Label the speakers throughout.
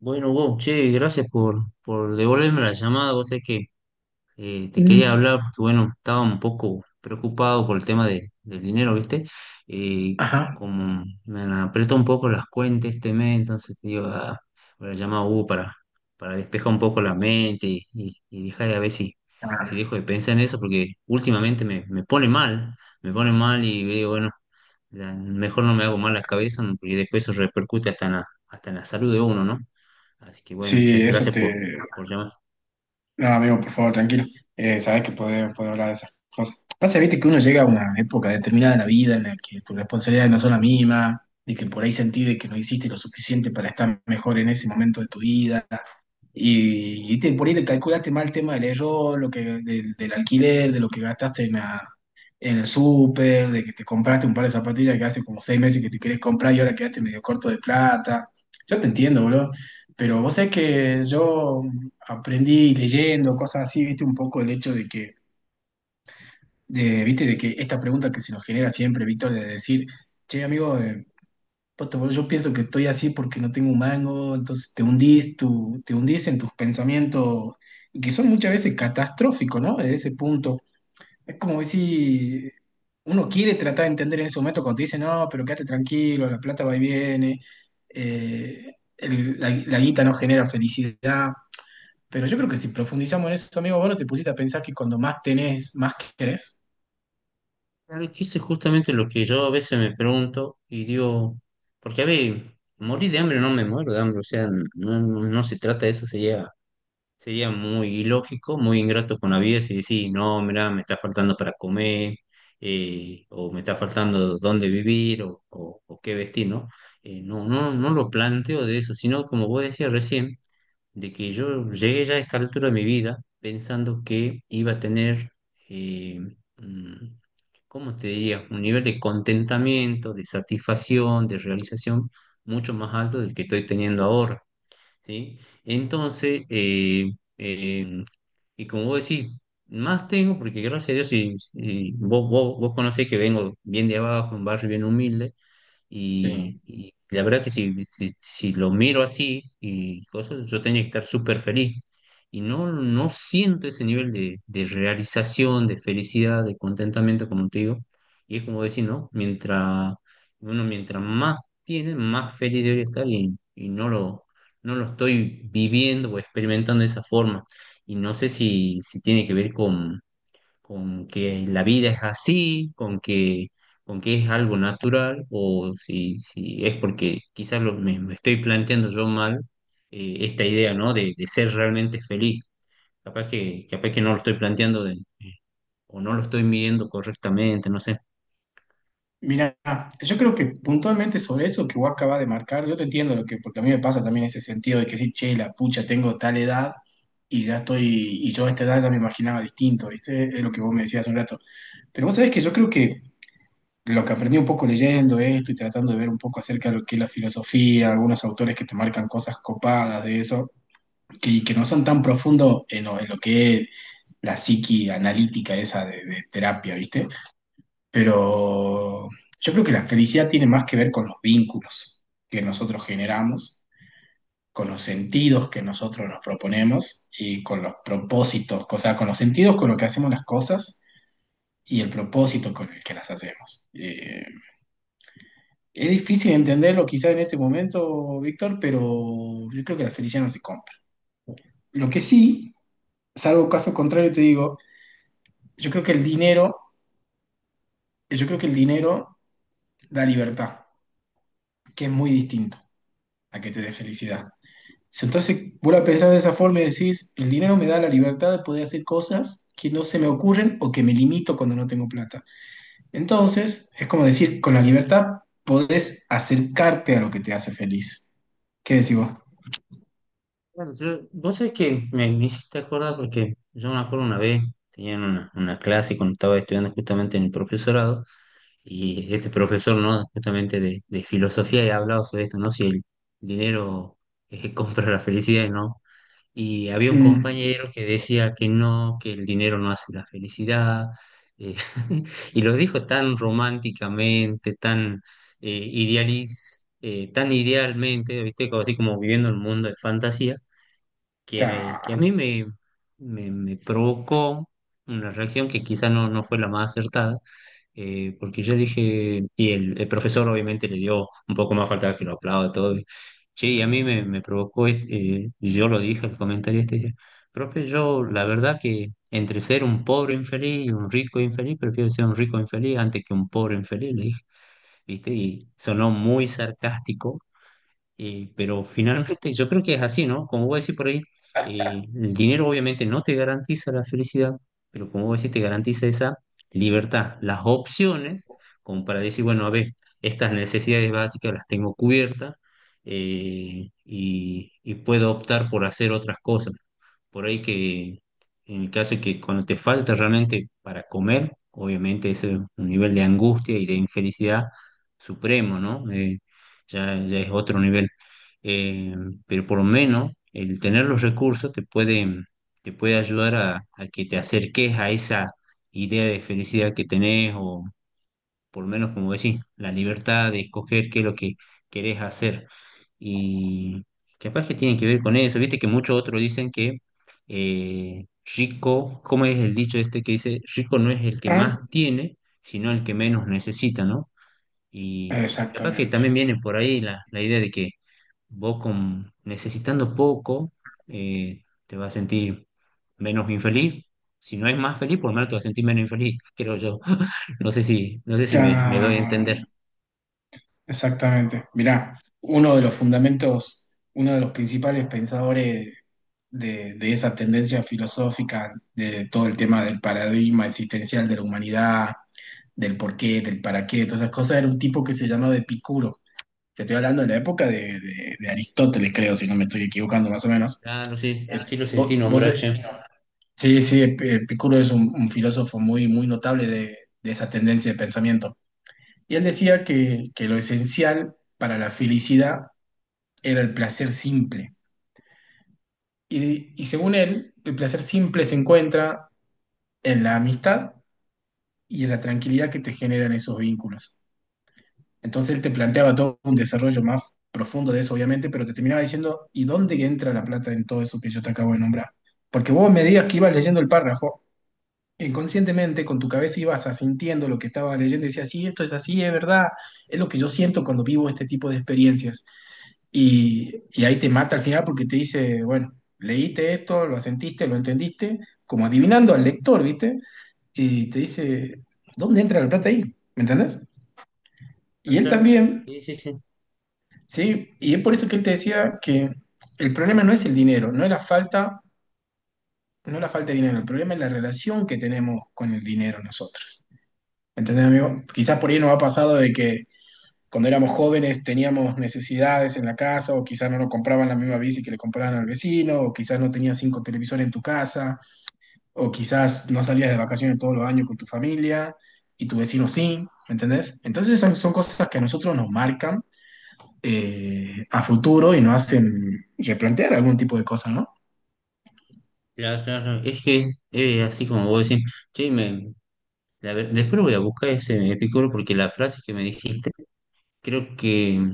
Speaker 1: Bueno, Hugo, che, gracias por devolverme la llamada. Vos sabés que te quería
Speaker 2: Mm,
Speaker 1: hablar porque, bueno, estaba un poco preocupado por el tema del dinero, ¿viste? Eh,
Speaker 2: Ajá.
Speaker 1: Como me han apretado un poco las cuentas este mes, entonces digo, ah, voy a llamar a Hugo para despejar un poco la mente y dejar de a ver si, si
Speaker 2: Ah,
Speaker 1: dejo de pensar en eso, porque últimamente me pone mal y digo, bueno, mejor no me hago mal la cabeza, ¿no? Porque después eso repercute hasta en la salud de uno, ¿no? Así que bueno, che,
Speaker 2: Sí, eso
Speaker 1: gracias
Speaker 2: te.
Speaker 1: por llamar.
Speaker 2: No, amigo, por favor, tranquilo. Sabes que podemos hablar de esas cosas. Pasa, viste, que uno llega a una época determinada de la vida en la que tus responsabilidades no son las mismas, de que por ahí sentís de que no hiciste lo suficiente para estar mejor en ese momento de tu vida. Por ahí le calculaste mal el tema del error, lo que, del alquiler, de lo que gastaste en el súper, de que te compraste un par de zapatillas que hace como 6 meses que te querés comprar y ahora quedaste medio corto de plata. Yo te entiendo, boludo. Pero vos sabés que yo aprendí leyendo cosas así, viste, un poco el hecho de que, viste, de que esta pregunta que se nos genera siempre, Víctor, de decir, che, amigo, puta, bro, yo pienso que estoy así porque no tengo un mango, entonces te hundís, te hundís en tus pensamientos, y que son muchas veces catastróficos, ¿no? Desde ese punto. Es como si uno quiere tratar de entender en ese momento cuando te dice, no, pero quédate tranquilo, la plata va y viene, la guita no genera felicidad. Pero yo creo que si profundizamos en eso, amigo, vos no te pusiste a pensar que cuando más tenés, más querés.
Speaker 1: Claro, que eso es justamente lo que yo a veces me pregunto y digo, porque a ver, morir de hambre no me muero de hambre, o sea, no se trata de eso, sería muy ilógico, muy ingrato con la vida si decís, no, mira, me está faltando para comer, o me está faltando dónde vivir, o qué vestir, ¿no? No, no lo planteo de eso, sino como vos decías recién, de que yo llegué ya a esta altura de mi vida pensando que iba a tener, eh, mm, ¿cómo te diría? Un nivel de contentamiento, de satisfacción, de realización mucho más alto del que estoy teniendo ahora, ¿sí? Entonces, eh, y como vos decís, más tengo, porque gracias a Dios, si, si vos, vos conocés que vengo bien de abajo, un barrio bien humilde, y la verdad que si, si lo miro así y cosas, yo tenía que estar súper feliz. Y no, no siento ese nivel de realización, de felicidad, de contentamiento, como te digo. Y es como decir, ¿no? Mientras uno, mientras más tiene, más feliz debería estar y no lo, no lo estoy viviendo o experimentando de esa forma. Y no sé si, si tiene que ver con que la vida es así, con que es algo natural, o si, si es porque quizás lo, me estoy planteando yo mal, esta idea, ¿no? De ser realmente feliz. Capaz que no lo estoy planteando o no lo estoy midiendo correctamente, no sé.
Speaker 2: Mira, yo creo que puntualmente sobre eso que vos acabas de marcar, yo te entiendo lo que, porque a mí me pasa también ese sentido de que sí, che, la pucha, tengo tal edad y ya estoy, y yo a esta edad ya me imaginaba distinto, ¿viste? Es lo que vos me decías hace un rato. Pero vos sabés que yo creo que lo que aprendí un poco leyendo esto y tratando de ver un poco acerca de lo que es la filosofía, algunos autores que te marcan cosas copadas de eso, que no son tan profundos en lo que es la psiqui analítica esa de terapia, ¿viste? Pero yo creo que la felicidad tiene más que ver con los vínculos que nosotros generamos, con los sentidos que nosotros nos proponemos y con los propósitos, o sea, con los sentidos con los que hacemos las cosas y el propósito con el que las hacemos. Es difícil entenderlo quizás en este momento, Víctor, pero yo creo que la felicidad no se compra. Lo que sí, salvo caso contrario, te digo, yo creo que el dinero, yo creo que el dinero da libertad, que es muy distinto a que te dé felicidad. Si. Entonces, vos la pensás de esa forma y decís, el dinero me da la libertad de poder hacer cosas que no se me ocurren o que me limito cuando no tengo plata. Entonces, es como decir, con la libertad podés acercarte a lo que te hace feliz. ¿Qué decís vos?
Speaker 1: Claro, vos sabés que me hiciste acordar porque yo me acuerdo una vez, tenía una clase cuando estaba estudiando justamente en el profesorado. Y este profesor, ¿no? Justamente de filosofía he hablado sobre esto, ¿no? Si el dinero, compra la felicidad, ¿no? Y había un
Speaker 2: Mm,
Speaker 1: compañero que decía que no, que el dinero no hace la felicidad, eh, y lo dijo tan románticamente, tan, tan idealmente, ¿viste? Como, así como viviendo el mundo de fantasía, que a
Speaker 2: ya.
Speaker 1: mí me, me provocó una reacción que quizá no, no fue la más acertada, porque yo dije, y el profesor obviamente le dio un poco más falta que lo aplaude todo. Y, che, y a mí me, me provocó, yo lo dije, el comentario este, dice, profe, yo la verdad que entre ser un pobre infeliz y un rico infeliz, prefiero ser un rico infeliz antes que un pobre infeliz, le dije, ¿viste? Y sonó muy sarcástico, pero finalmente yo creo que es así, ¿no? Como vos decís por ahí, el dinero obviamente no te garantiza la felicidad, pero como vos decís, te garantiza esa libertad, las opciones, como para decir, bueno, a ver, estas necesidades básicas las tengo cubiertas, y puedo optar por hacer otras cosas. Por ahí que en el caso de que cuando te falta realmente para comer, obviamente ese es un nivel de angustia y de infelicidad supremo, ¿no? Ya, ya es otro nivel. Eh, pero por lo menos el tener los recursos te puede ayudar a que te acerques a esa idea de felicidad que tenés o, por lo menos como decís, la libertad de escoger qué es lo que querés hacer. Y capaz que tiene que ver con eso. Viste que muchos otros dicen que, eh, rico, ¿cómo es el dicho este que dice? Rico no es el que más tiene, sino el que menos necesita, ¿no? Y capaz que
Speaker 2: Exactamente.
Speaker 1: también viene por ahí la, la idea de que vos con, necesitando poco, te vas a sentir menos infeliz. Si no es más feliz, por lo menos te vas a sentir menos infeliz, creo yo. No sé si, no sé si
Speaker 2: Ya.
Speaker 1: me, me doy a entender.
Speaker 2: Exactamente. Mirá, uno de los fundamentos, uno de los principales pensadores de esa tendencia filosófica, de todo el tema del paradigma existencial de la humanidad, del por qué, del para qué, todas esas cosas, era un tipo que se llamaba Epicuro. Te estoy hablando de la época de Aristóteles, creo, si no me estoy equivocando más o menos.
Speaker 1: Claro, sí, sí lo
Speaker 2: Sí,
Speaker 1: sentí, nombrar, che.
Speaker 2: sí, sí, Epicuro es un filósofo muy, muy notable de esa tendencia de pensamiento. Y él decía que lo esencial para la felicidad era el placer simple. Y según él, el placer simple se encuentra en la amistad y en la tranquilidad que te generan esos vínculos. Entonces él te planteaba todo un desarrollo más profundo de eso, obviamente, pero te terminaba diciendo, ¿y dónde entra la plata en todo eso que yo te acabo de nombrar? Porque vos me digas que ibas leyendo el párrafo, inconscientemente con tu cabeza ibas asintiendo lo que estaba leyendo y decías, sí, esto es así, es verdad, es lo que yo siento cuando vivo este tipo de experiencias. Y ahí te mata al final porque te dice, bueno, leíste esto, lo sentiste, lo entendiste, como adivinando al lector, ¿viste? Y te dice, ¿dónde entra la plata ahí? ¿Me entendés? Y él
Speaker 1: Claro,
Speaker 2: también,
Speaker 1: sí, sí, sí.
Speaker 2: ¿sí? Y es por eso que él te decía que el problema no es el dinero, no es la falta, no es la falta de dinero, el problema es la relación que tenemos con el dinero nosotros. ¿Entendés, amigo? Quizás por ahí nos ha pasado de que cuando éramos jóvenes teníamos necesidades en la casa, o quizás no nos compraban la misma bici que le compraban al vecino, o quizás no tenías cinco televisores en tu casa, o quizás no salías de vacaciones todos los años con tu familia y tu vecino sí, ¿me entendés? Entonces esas son cosas que a nosotros nos marcan a futuro y nos hacen replantear algún tipo de cosas, ¿no?
Speaker 1: Claro, claro. Es que así como vos decís, che, me, después lo voy a buscar ese Epicuro porque la frase que me dijiste, creo que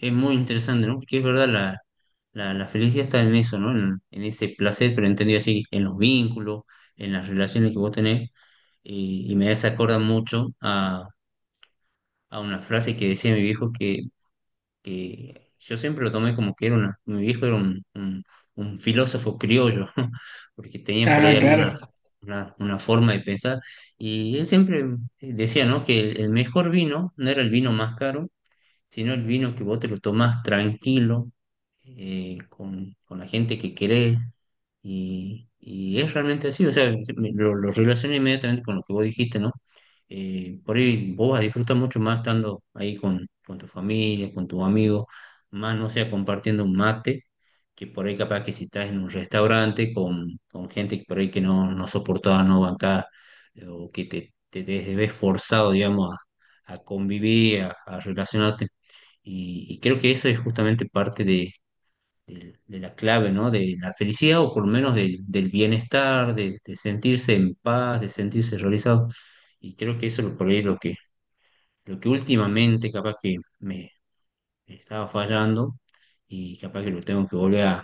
Speaker 1: es muy interesante, ¿no? Porque es verdad, la felicidad está en eso, ¿no? En ese placer, pero entendido así, en los vínculos, en las relaciones que vos tenés. Y me hace acordar mucho a una frase que decía mi viejo que yo siempre lo tomé como que era una, mi viejo era un filósofo criollo, porque tenía por
Speaker 2: Ah,
Speaker 1: ahí alguna
Speaker 2: claro.
Speaker 1: una forma de pensar. Y él siempre decía, ¿no? Que el mejor vino no era el vino más caro, sino el vino que vos te lo tomás tranquilo, con la gente que querés, y es realmente así, o sea, lo relaciono inmediatamente con lo que vos dijiste, ¿no? Por ahí vos vas a disfrutar mucho más estando ahí con tu familia, con tus amigos, más no sea compartiendo un mate, que por ahí capaz que si estás en un restaurante con gente que por ahí que no, no soportaba, no bancaba, o que te ves ves forzado, digamos, a convivir, a relacionarte. Y creo que eso es justamente parte de, de la clave, ¿no? De la felicidad o por lo menos del del bienestar, de sentirse en paz, de sentirse realizado. Y creo que eso es por ahí lo que últimamente capaz que me estaba fallando y capaz que lo tengo que volver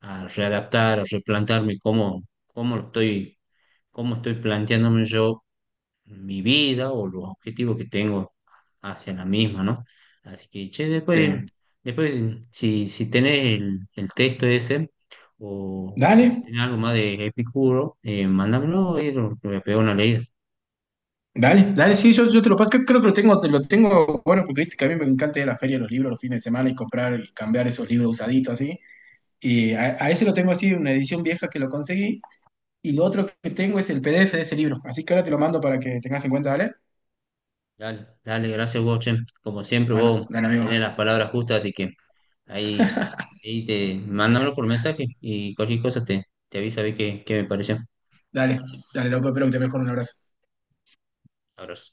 Speaker 1: a readaptar, a replantarme cómo, cómo estoy, cómo estoy planteándome yo mi vida o los objetivos que tengo hacia la misma, ¿no? Así que, che, después,
Speaker 2: Eh,
Speaker 1: después si, si tenés el texto ese o si
Speaker 2: Dale.
Speaker 1: tenés algo más de Epicuro, mándamelo y lo voy a pegar una leída.
Speaker 2: Dale, dale, sí, yo te lo paso, creo, que lo tengo, te lo tengo, bueno, porque viste que a mí me encanta ir a la feria de los libros los fines de semana y comprar y cambiar esos libros usaditos así. Y a ese lo tengo así, una edición vieja que lo conseguí. Y lo otro que tengo es el PDF de ese libro. Así que ahora te lo mando para que tengas en cuenta, ¿dale?
Speaker 1: Dale, dale, gracias vos, che. Como siempre,
Speaker 2: Bueno,
Speaker 1: vos
Speaker 2: dale,
Speaker 1: tenés las
Speaker 2: amigo.
Speaker 1: palabras justas, así que ahí, ahí te mándamelo por mensaje y cualquier cosa te, te aviso a ver qué, qué me pareció.
Speaker 2: Dale, dale, loco, espero que te mejore un abrazo.
Speaker 1: Abrazo.